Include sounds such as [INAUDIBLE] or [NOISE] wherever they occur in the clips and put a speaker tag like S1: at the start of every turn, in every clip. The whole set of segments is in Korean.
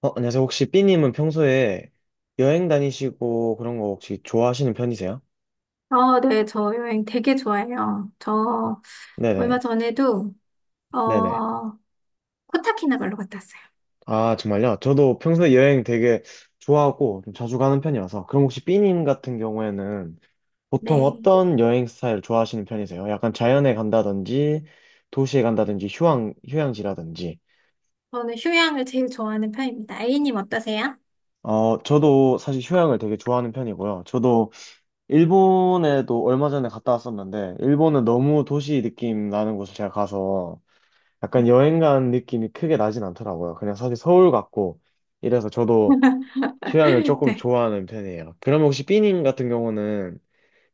S1: 안녕하세요. 혹시 삐님은 평소에 여행 다니시고 그런 거 혹시 좋아하시는 편이세요?
S2: 어, 네, 저 여행 되게 좋아해요. 저 얼마
S1: 네네.
S2: 전에도,
S1: 네네.
S2: 어, 코타키나발루 갔다 왔어요.
S1: 아, 정말요? 저도 평소에 여행 되게 좋아하고 좀 자주 가는 편이라서. 그럼 혹시 삐님 같은 경우에는 보통
S2: 네.
S1: 어떤 여행 스타일 좋아하시는 편이세요? 약간 자연에 간다든지, 도시에 간다든지, 휴양, 휴양지라든지.
S2: 저는 휴양을 제일 좋아하는 편입니다. A님 어떠세요?
S1: 저도 사실 휴양을 되게 좋아하는 편이고요. 저도 일본에도 얼마 전에 갔다 왔었는데, 일본은 너무 도시 느낌 나는 곳을 제가 가서 약간 여행 간 느낌이 크게 나진 않더라고요. 그냥 사실 서울 같고 이래서 저도 휴양을
S2: [LAUGHS]
S1: 조금
S2: 네.
S1: 좋아하는 편이에요. 그럼 혹시 삐님 같은 경우는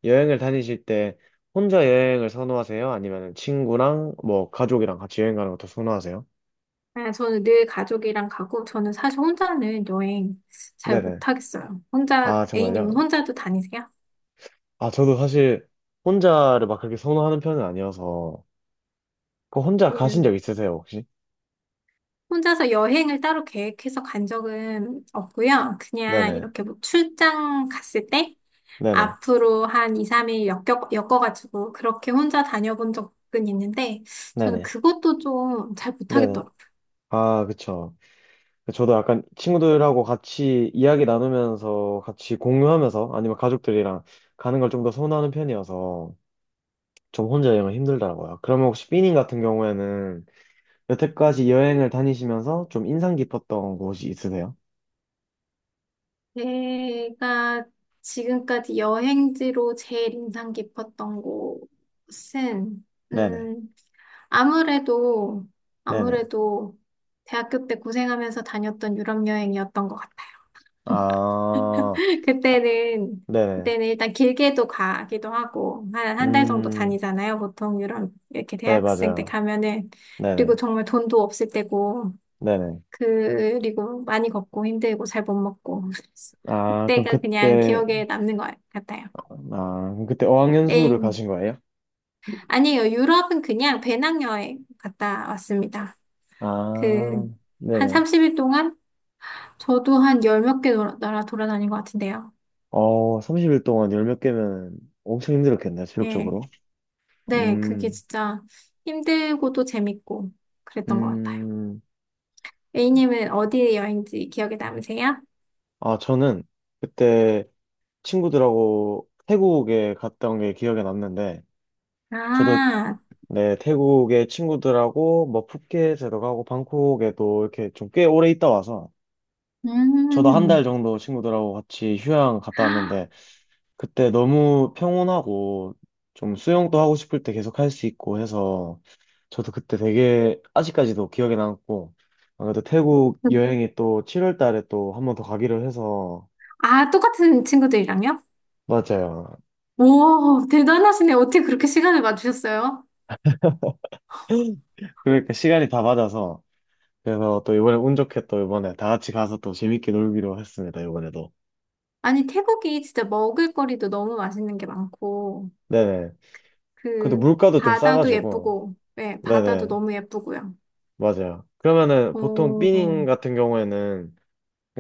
S1: 여행을 다니실 때 혼자 여행을 선호하세요? 아니면 친구랑 뭐 가족이랑 같이 여행 가는 것도 선호하세요?
S2: 아, 저는 늘 가족이랑 가고, 저는 사실 혼자는 여행 잘
S1: 네네.
S2: 못하겠어요. 혼자,
S1: 아,
S2: A님은
S1: 정말요?
S2: 혼자도 다니세요?
S1: 아, 저도 사실 혼자를 막 그렇게 선호하는 편은 아니어서 그 혼자 가신
S2: 그,
S1: 적 있으세요, 혹시?
S2: 혼자서 여행을 따로 계획해서 간 적은 없고요. 그냥
S1: 네네.
S2: 이렇게 뭐 출장 갔을 때?
S1: 네네.
S2: 앞으로 한 2, 3일 엮어가지고 그렇게 혼자 다녀본 적은 있는데 저는
S1: 네네.
S2: 그것도 좀 잘
S1: 네네.
S2: 못하겠더라고요.
S1: 아, 그쵸. 저도 약간 친구들하고 같이 이야기 나누면서 같이 공유하면서 아니면 가족들이랑 가는 걸 좀 더 선호하는 편이어서 좀 혼자 여행은 힘들더라고요. 그러면 혹시 삐님 같은 경우에는 여태까지 여행을 다니시면서 좀 인상 깊었던 곳이 있으세요?
S2: 제가 지금까지 여행지로 제일 인상 깊었던 곳은
S1: 네네.
S2: 음, 아무래도
S1: 네네.
S2: 아무래도 대학교 때 고생하면서 다녔던 유럽 여행이었던 것 같아요.
S1: 아,
S2: 그때는,
S1: 네네.
S2: 그때는 일단 길게도 가기도 하고, 한, 한 달 정도
S1: 음.
S2: 다니잖아요. 보통 유럽, 이렇게
S1: 네,
S2: 대학생 때
S1: 맞아요.
S2: 가면은. 그리고
S1: 네네.
S2: 정말 돈도 없을 때고,
S1: 네네.
S2: 그리고 많이 걷고 힘들고 잘 못 먹고. 그래서
S1: 아, 그럼
S2: 그때가 그냥
S1: 그때,
S2: 기억에 남는 것 같아요.
S1: 아, 그럼 그때 어학연수를
S2: 에
S1: 가신 거예요?
S2: 아니에요. 유럽은 그냥 배낭여행 갔다 왔습니다. 그,
S1: 아,
S2: 한
S1: 네네.
S2: 30일 동안 저도 한 열 몇 개 나라 돌아다닌 것 같은데요.
S1: 어, 30일 동안 열몇 개면 엄청 힘들었겠네,
S2: 예.
S1: 체력적으로.
S2: 네, 그게
S1: 음.
S2: 진짜 힘들고도 재밌고 그랬던 것 같아요.
S1: 음.
S2: A님은 어디 여행지 기억에 남으세요?
S1: 아, 저는 그때 친구들하고 태국에 갔다 온 게 기억에 남는데, 저도
S2: 아,
S1: 네, 태국에 친구들하고 뭐 푸켓에도 가고 방콕에도 이렇게 좀 꽤 오래 있다 와서, 저도 한 달
S2: 음.
S1: 정도 친구들하고 같이 휴양 갔다 왔는데, 그때 너무 평온하고 좀 수영도 하고 싶을 때 계속 할 수 있고 해서 저도 그때 되게 아직까지도 기억에 남고 아무래도 태국 여행이 또 7월 달에 또 한번 더 가기로 해서.
S2: 아, 똑같은 친구들이랑요?
S1: 맞아요.
S2: 오, 대단하시네. 어떻게 그렇게 시간을 맞추셨어요?
S1: [LAUGHS] 그러니까 시간이 다 맞아서 그래서 또 이번에 운 좋게 또 이번에 다 같이 가서 또 재밌게 놀기로 했습니다. 이번에도.
S2: 아니, 태국이 진짜 먹을거리도 너무 맛있는 게 많고,
S1: 네네. 그래도
S2: 그,
S1: 물가도 좀
S2: 바다도
S1: 싸가지고.
S2: 예쁘고, 네, 바다도
S1: 네네.
S2: 너무 예쁘고요.
S1: 맞아요. 그러면은 보통
S2: 오,
S1: 삐닝 같은 경우에는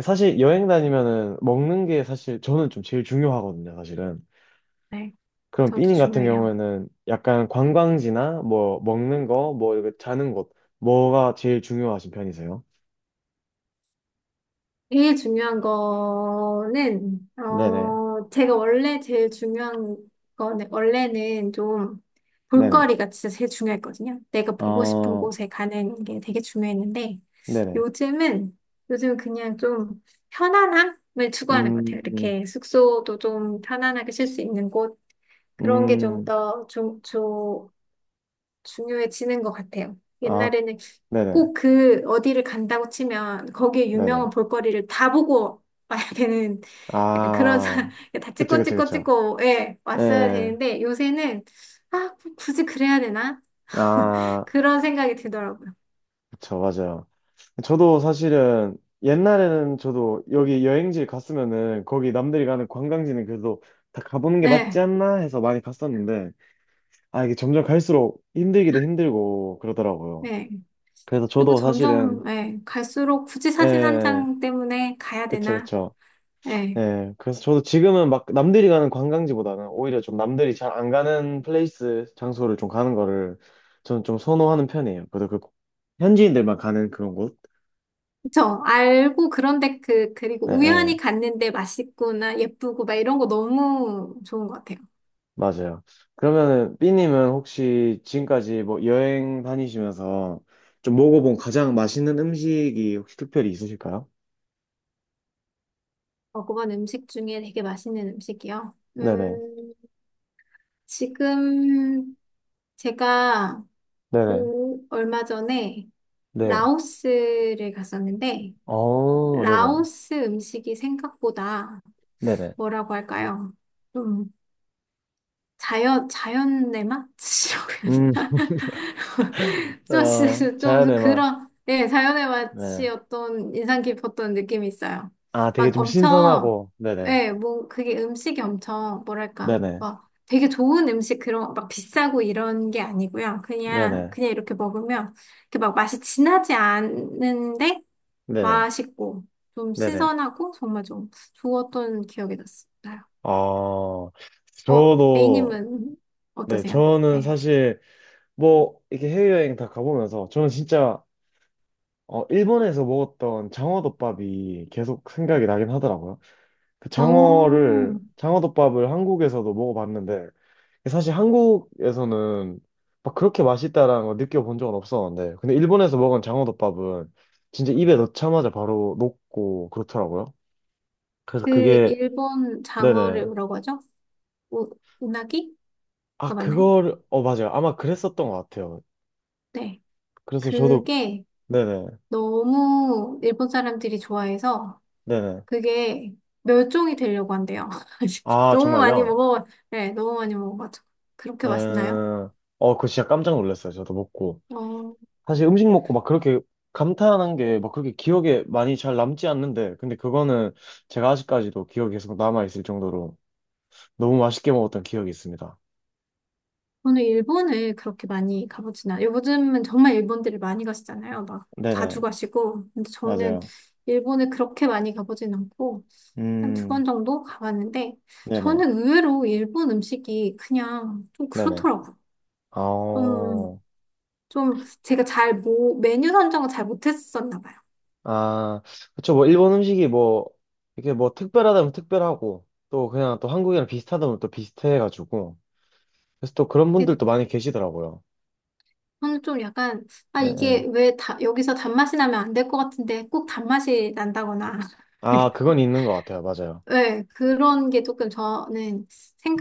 S1: 사실 여행 다니면은 먹는 게 사실 저는 좀 제일 중요하거든요, 사실은.
S2: 네,
S1: 그럼
S2: 저도
S1: 삐님 같은
S2: 중요해요.
S1: 경우에는 약간 관광지나 뭐 먹는 거, 뭐 이렇게 자는 곳, 뭐가 제일 중요하신 편이세요?
S2: 제일 중요한 거는,
S1: 네네,
S2: 제가 원래 제일 중요한 거는, 원래는 좀
S1: 네네.
S2: 볼거리가 진짜 제일 중요했거든요. 내가 보고 싶은
S1: 어,
S2: 곳에 가는 게 되게 중요했는데,
S1: 네네.
S2: 요즘은, 요즘 그냥 좀 편안함을 추구하는 것 같아요.
S1: 음.
S2: 이렇게 숙소도 좀 편안하게 쉴 수 있는 곳, 그런 게 좀
S1: 음.
S2: 더 중요해지는 것 같아요.
S1: 아,
S2: 옛날에는
S1: 네네,
S2: 꼭 그 어디를 간다고 치면 거기에
S1: 네네.
S2: 유명한 볼거리를 다 보고 와야 되는 약간 그런
S1: 아,
S2: [LAUGHS] 다
S1: 그쵸,
S2: 찍고
S1: 그쵸,
S2: 찍고
S1: 그쵸.
S2: 찍고 예, 왔어야
S1: 예.
S2: 되는데 요새는 아, 뭐 굳이 그래야 되나? [LAUGHS]
S1: 아,
S2: 그런 생각이 들더라고요.
S1: 그쵸, 맞아요. 저도 사실은 옛날에는 저도 여기 여행지 갔으면은 거기 남들이 가는 관광지는 그래도 다 가보는 게 맞지
S2: 네,
S1: 않나 해서 많이 갔었는데 아 이게 점점 갈수록 힘들기도 힘들고 그러더라고요.
S2: 네.
S1: 그래서
S2: 그리고
S1: 저도 사실은
S2: 점점 예, 갈수록 굳이 사진 한
S1: 예,
S2: 장 때문에 가야
S1: 그쵸,
S2: 되나?
S1: 그쵸.
S2: 예.
S1: 예, 그래서 저도 지금은 막 남들이 가는 관광지보다는 오히려 좀 남들이 잘 안 가는 플레이스 장소를 좀 가는 거를 저는 좀 선호하는 편이에요. 그래도 그 현지인들만 가는 그런 곳
S2: 그쵸. 알고 그런데 그리고
S1: 예예
S2: 우연히 갔는데 맛있구나, 예쁘고 막 이런 거 너무 좋은 것 같아요.
S1: 맞아요. 그러면은 B님은 혹시 지금까지 뭐 여행 다니시면서 좀 먹어본 가장 맛있는 음식이 혹시 특별히 있으실까요?
S2: 먹어본 음식 중에 되게 맛있는 음식이요.
S1: 네네.
S2: 음, 지금 제가
S1: 네네.
S2: 얼마 전에
S1: 네.
S2: 라오스를 갔었는데,
S1: 어, 네네.
S2: 라오스 음식이 생각보다
S1: 네네.
S2: 뭐라고 할까요? 좀 자연의 맛이라고 해야
S1: 음.
S2: 되나? [LAUGHS] 좀,
S1: 어,
S2: 진짜 좀
S1: 자연의 맛.
S2: 그런, 예, 자연의 맛이
S1: 네.
S2: 어떤 인상 깊었던 느낌이 있어요.
S1: 아, 되게
S2: 막
S1: 좀
S2: 엄청,
S1: 신선하고. 네네.
S2: 예, 뭐, 그게 음식이 엄청, 뭐랄까,
S1: 네네.
S2: 막 되게 좋은 음식 그런, 막 비싸고 이런 게 아니고요. 그냥,
S1: 네네.
S2: 그냥 이렇게 먹으면, 이렇게 막 맛이 진하지 않은데,
S1: 네네.
S2: 맛있고, 좀
S1: 네네.
S2: 신선하고, 정말 좀 좋았던 기억이 났어요.
S1: 어, 저도,
S2: A님은
S1: 네,
S2: 어떠세요?
S1: 저는
S2: 네.
S1: 사실 뭐, 이렇게 해외여행 다 가보면서 저는 진짜 일본에서 먹었던 장어덮밥이 계속 생각이 나긴 하더라고요.
S2: 오,
S1: 장어덮밥을 한국에서도 먹어봤는데, 사실 한국에서는 막 그렇게 맛있다라는 걸 느껴본 적은 없었는데, 근데 일본에서 먹은 장어덮밥은 진짜 입에 넣자마자 바로 녹고 그렇더라고요. 그래서
S2: 그
S1: 그게,
S2: 일본
S1: 네네.
S2: 장어를 뭐라고 하죠? 우, 우나기가
S1: 아,
S2: 맞나요?
S1: 그거를, 어, 맞아요. 아마 그랬었던 것 같아요.
S2: 네.
S1: 그래서 저도,
S2: 그게
S1: 네네,
S2: 너무 일본 사람들이 좋아해서
S1: 네네.
S2: 그게 멸종이 되려고 한대요. [LAUGHS]
S1: 아,
S2: 너무 많이
S1: 정말요?
S2: 먹어, 네, 너무 많이 먹어가지고. 그렇게
S1: 네.
S2: 맛있나요?
S1: 어, 그거 진짜 깜짝 놀랐어요. 저도 먹고.
S2: 어,
S1: 사실 음식 먹고 막 그렇게 감탄한 게 막 그렇게 기억에 많이 잘 남지 않는데, 근데 그거는 제가 아직까지도 기억이 계속 남아있을 정도로 너무 맛있게 먹었던 기억이 있습니다.
S2: 저는 일본을 그렇게 많이 가보진 않아요. 요즘은 정말 일본들이 많이 가시잖아요. 막 자주
S1: 네네,
S2: 가시고. 근데 저는
S1: 맞아요.
S2: 일본을 그렇게 많이 가보진 않고. 한 두
S1: 음.
S2: 번 정도 가봤는데,
S1: 네네,
S2: 저는 의외로 일본 음식이 그냥 좀
S1: 네네.
S2: 그렇더라고요.
S1: 아.
S2: 좀, 좀 제가 잘 뭐, 메뉴 선정을 잘 못했었나 봐요.
S1: 아, 그쵸, 뭐, 일본 음식이 뭐, 이렇게 뭐 특별하다면 특별하고, 또 그냥 또 한국이랑 비슷하다면 또 비슷해가지고, 그래서 또 그런
S2: 예,
S1: 분들도 많이 계시더라고요.
S2: 저는 좀 약간, 아,
S1: 네, 네.
S2: 이게 왜 여기서 단맛이 나면 안 될 것 같은데 꼭 단맛이 난다거나.
S1: 아,
S2: [LAUGHS]
S1: 그건 있는 것 같아요. 맞아요.
S2: 네, 그런 게 조금 저는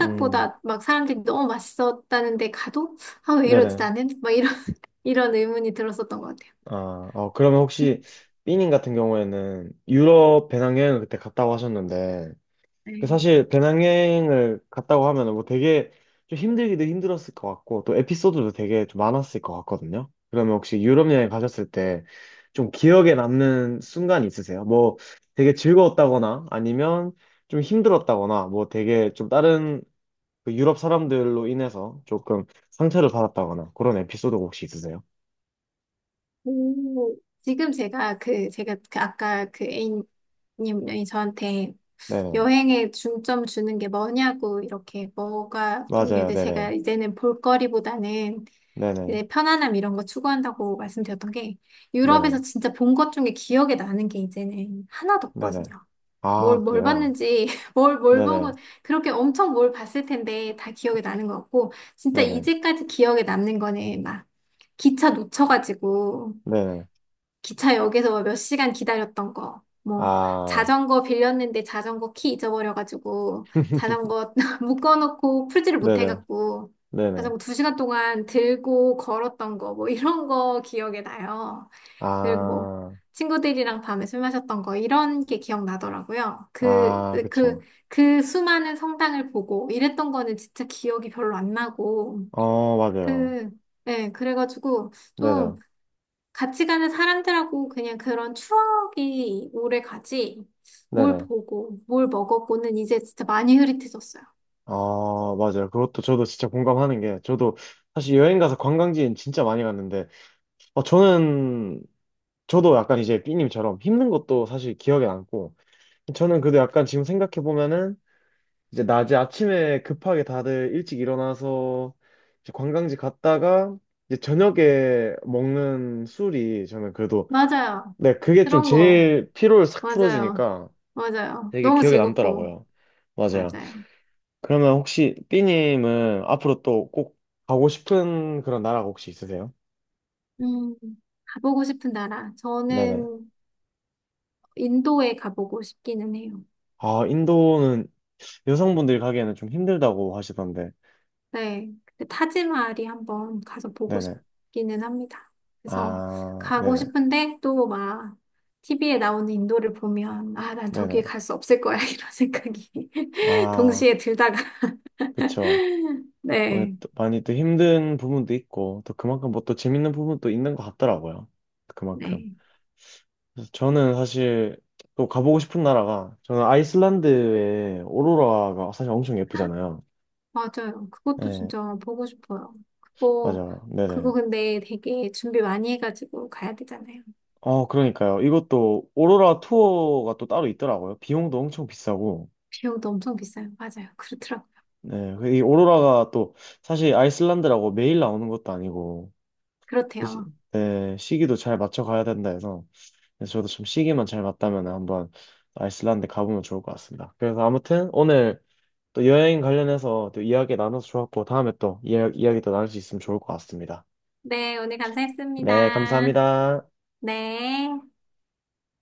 S1: 음.
S2: 막 사람들이 너무 맛있었다는데 가도, 아, 왜 이러지
S1: 네네.
S2: 나는? 막 이런, [LAUGHS] 이런 의문이 들었었던 것 같아요.
S1: 아, 어, 그러면 혹시 삐님 같은 경우에는 유럽 배낭여행을 그때 갔다고 하셨는데 그
S2: 네.
S1: 사실 배낭여행을 갔다고 하면은 뭐 되게 좀 힘들기도 힘들었을 것 같고 또 에피소드도 되게 좀 많았을 것 같거든요. 그러면 혹시 유럽 여행 가셨을 때 좀 기억에 남는 순간 있으세요? 뭐 되게 즐거웠다거나 아니면 좀 힘들었다거나 뭐 되게 좀 다른 그 유럽 사람들로 인해서 조금 상처를 받았다거나 그런 에피소드가 혹시 있으세요?
S2: 오, 지금 제가 그 아까 그 A님이 저한테
S1: 네네.
S2: 여행에 중점 주는 게 뭐냐고 이렇게 뭐가
S1: 맞아요.
S2: 종류들 제가
S1: 네네.
S2: 이제는 볼거리보다는
S1: 네네,
S2: 이제 편안함 이런 거 추구한다고 말씀드렸던 게
S1: 네네,
S2: 유럽에서 진짜 본 것 중에 기억에 나는 게 이제는 하나도 없거든요.
S1: 네네. 아,
S2: 뭘
S1: 그래요?
S2: 봤는지, [LAUGHS] 뭘 보고,
S1: 네네,
S2: 그렇게 엄청 뭘 봤을 텐데 다 기억에 나는 것 같고, 진짜
S1: 네네,
S2: 이제까지 기억에 남는 거는 막 기차 놓쳐가지고,
S1: 네네.
S2: 기차역에서 몇 시간 기다렸던 거, 뭐,
S1: 아,
S2: 자전거 빌렸는데 자전거 키 잊어버려가지고, 자전거 [LAUGHS] 묶어놓고 풀지를
S1: 네네,
S2: 못해갖고,
S1: 네네.
S2: 자전거 두 시간 동안 들고 걸었던 거, 뭐, 이런 거 기억에 나요. 그리고 뭐,
S1: 아.
S2: 친구들이랑 밤에 술 마셨던 거, 이런 게 기억나더라고요.
S1: 아, 그쵸.
S2: 그 수많은 성당을 보고, 이랬던 거는 진짜 기억이 별로 안 나고,
S1: 어, 맞아요.
S2: 그, 예, 그래가지고,
S1: 네네,
S2: 좀, 같이 가는 사람들하고 그냥 그런 추억이 오래 가지. 뭘
S1: 네네.
S2: 보고, 뭘 먹었고는 이제 진짜 많이 흐릿해졌어요.
S1: 어, 맞아요. 그것도 저도 진짜 공감하는 게, 저도 사실 여행 가서 관광지엔 진짜 많이 갔는데, 어, 저는, 저도 약간 이제 삐님처럼 힘든 것도 사실 기억에 남고, 저는 그래도 약간 지금 생각해보면은, 이제 낮에 아침에 급하게 다들 일찍 일어나서 이제 관광지 갔다가 이제 저녁에 먹는 술이 저는 그래도
S2: 맞아요.
S1: 네, 그게 좀
S2: 그런 거.
S1: 제일 피로를 싹
S2: 맞아요.
S1: 풀어주니까
S2: 맞아요.
S1: 되게
S2: 너무
S1: 기억에
S2: 즐겁고.
S1: 남더라고요. 맞아요.
S2: 맞아요.
S1: 그러면 혹시 삐님은 앞으로 또 꼭 가고 싶은 그런 나라가 혹시 있으세요?
S2: 음, 가보고 싶은 나라.
S1: 네네.
S2: 저는 인도에 가보고 싶기는 해요.
S1: 아, 인도는 여성분들이 가기에는 좀 힘들다고 하시던데.
S2: 네, 근데 타지마할이 한번 가서 보고
S1: 네네.
S2: 싶기는 합니다. 그래서
S1: 아,
S2: 가고
S1: 네네.
S2: 싶은데 또 막 TV에 나오는 인도를 보면 아, 난
S1: 네네.
S2: 저기에 갈 수 없을 거야 [LAUGHS] 이런 생각이 [LAUGHS]
S1: 아,
S2: 동시에 들다가
S1: 그쵸.
S2: [LAUGHS]
S1: 어,
S2: 네,
S1: 또 많이 또 힘든 부분도 있고, 또 그만큼 뭐 또 재밌는 부분도 있는 것 같더라고요. 그만큼.
S2: 네,
S1: 그래서 저는 사실 또 가보고 싶은 나라가, 저는 아이슬란드의 오로라가 사실 엄청 예쁘잖아요.
S2: 맞아요. 그것도
S1: 네,
S2: 진짜 보고 싶어요. 그거
S1: 맞아요. 네네.
S2: 그거 근데 되게 준비 많이 해가지고 가야 되잖아요.
S1: 어, 그러니까요. 이것도 오로라 투어가 또 따로 있더라고요. 비용도 엄청 비싸고.
S2: 비용도 엄청 비싸요. 맞아요. 그렇더라고요.
S1: 네, 그이 오로라가 또 사실 아이슬란드라고 매일 나오는 것도 아니고, 그 시,
S2: 그렇대요.
S1: 네, 시기도 잘 맞춰 가야 된다 해서. 그래서 저도 좀 시기만 잘 맞다면 한번 아이슬란드 가보면 좋을 것 같습니다. 그래서 아무튼 오늘 또 여행 관련해서 또 이야기 나눠서 좋았고 다음에 또 이야기 또 나눌 수 있으면 좋을 것 같습니다.
S2: 네, 오늘
S1: 네,
S2: 감사했습니다.
S1: 감사합니다.
S2: 네.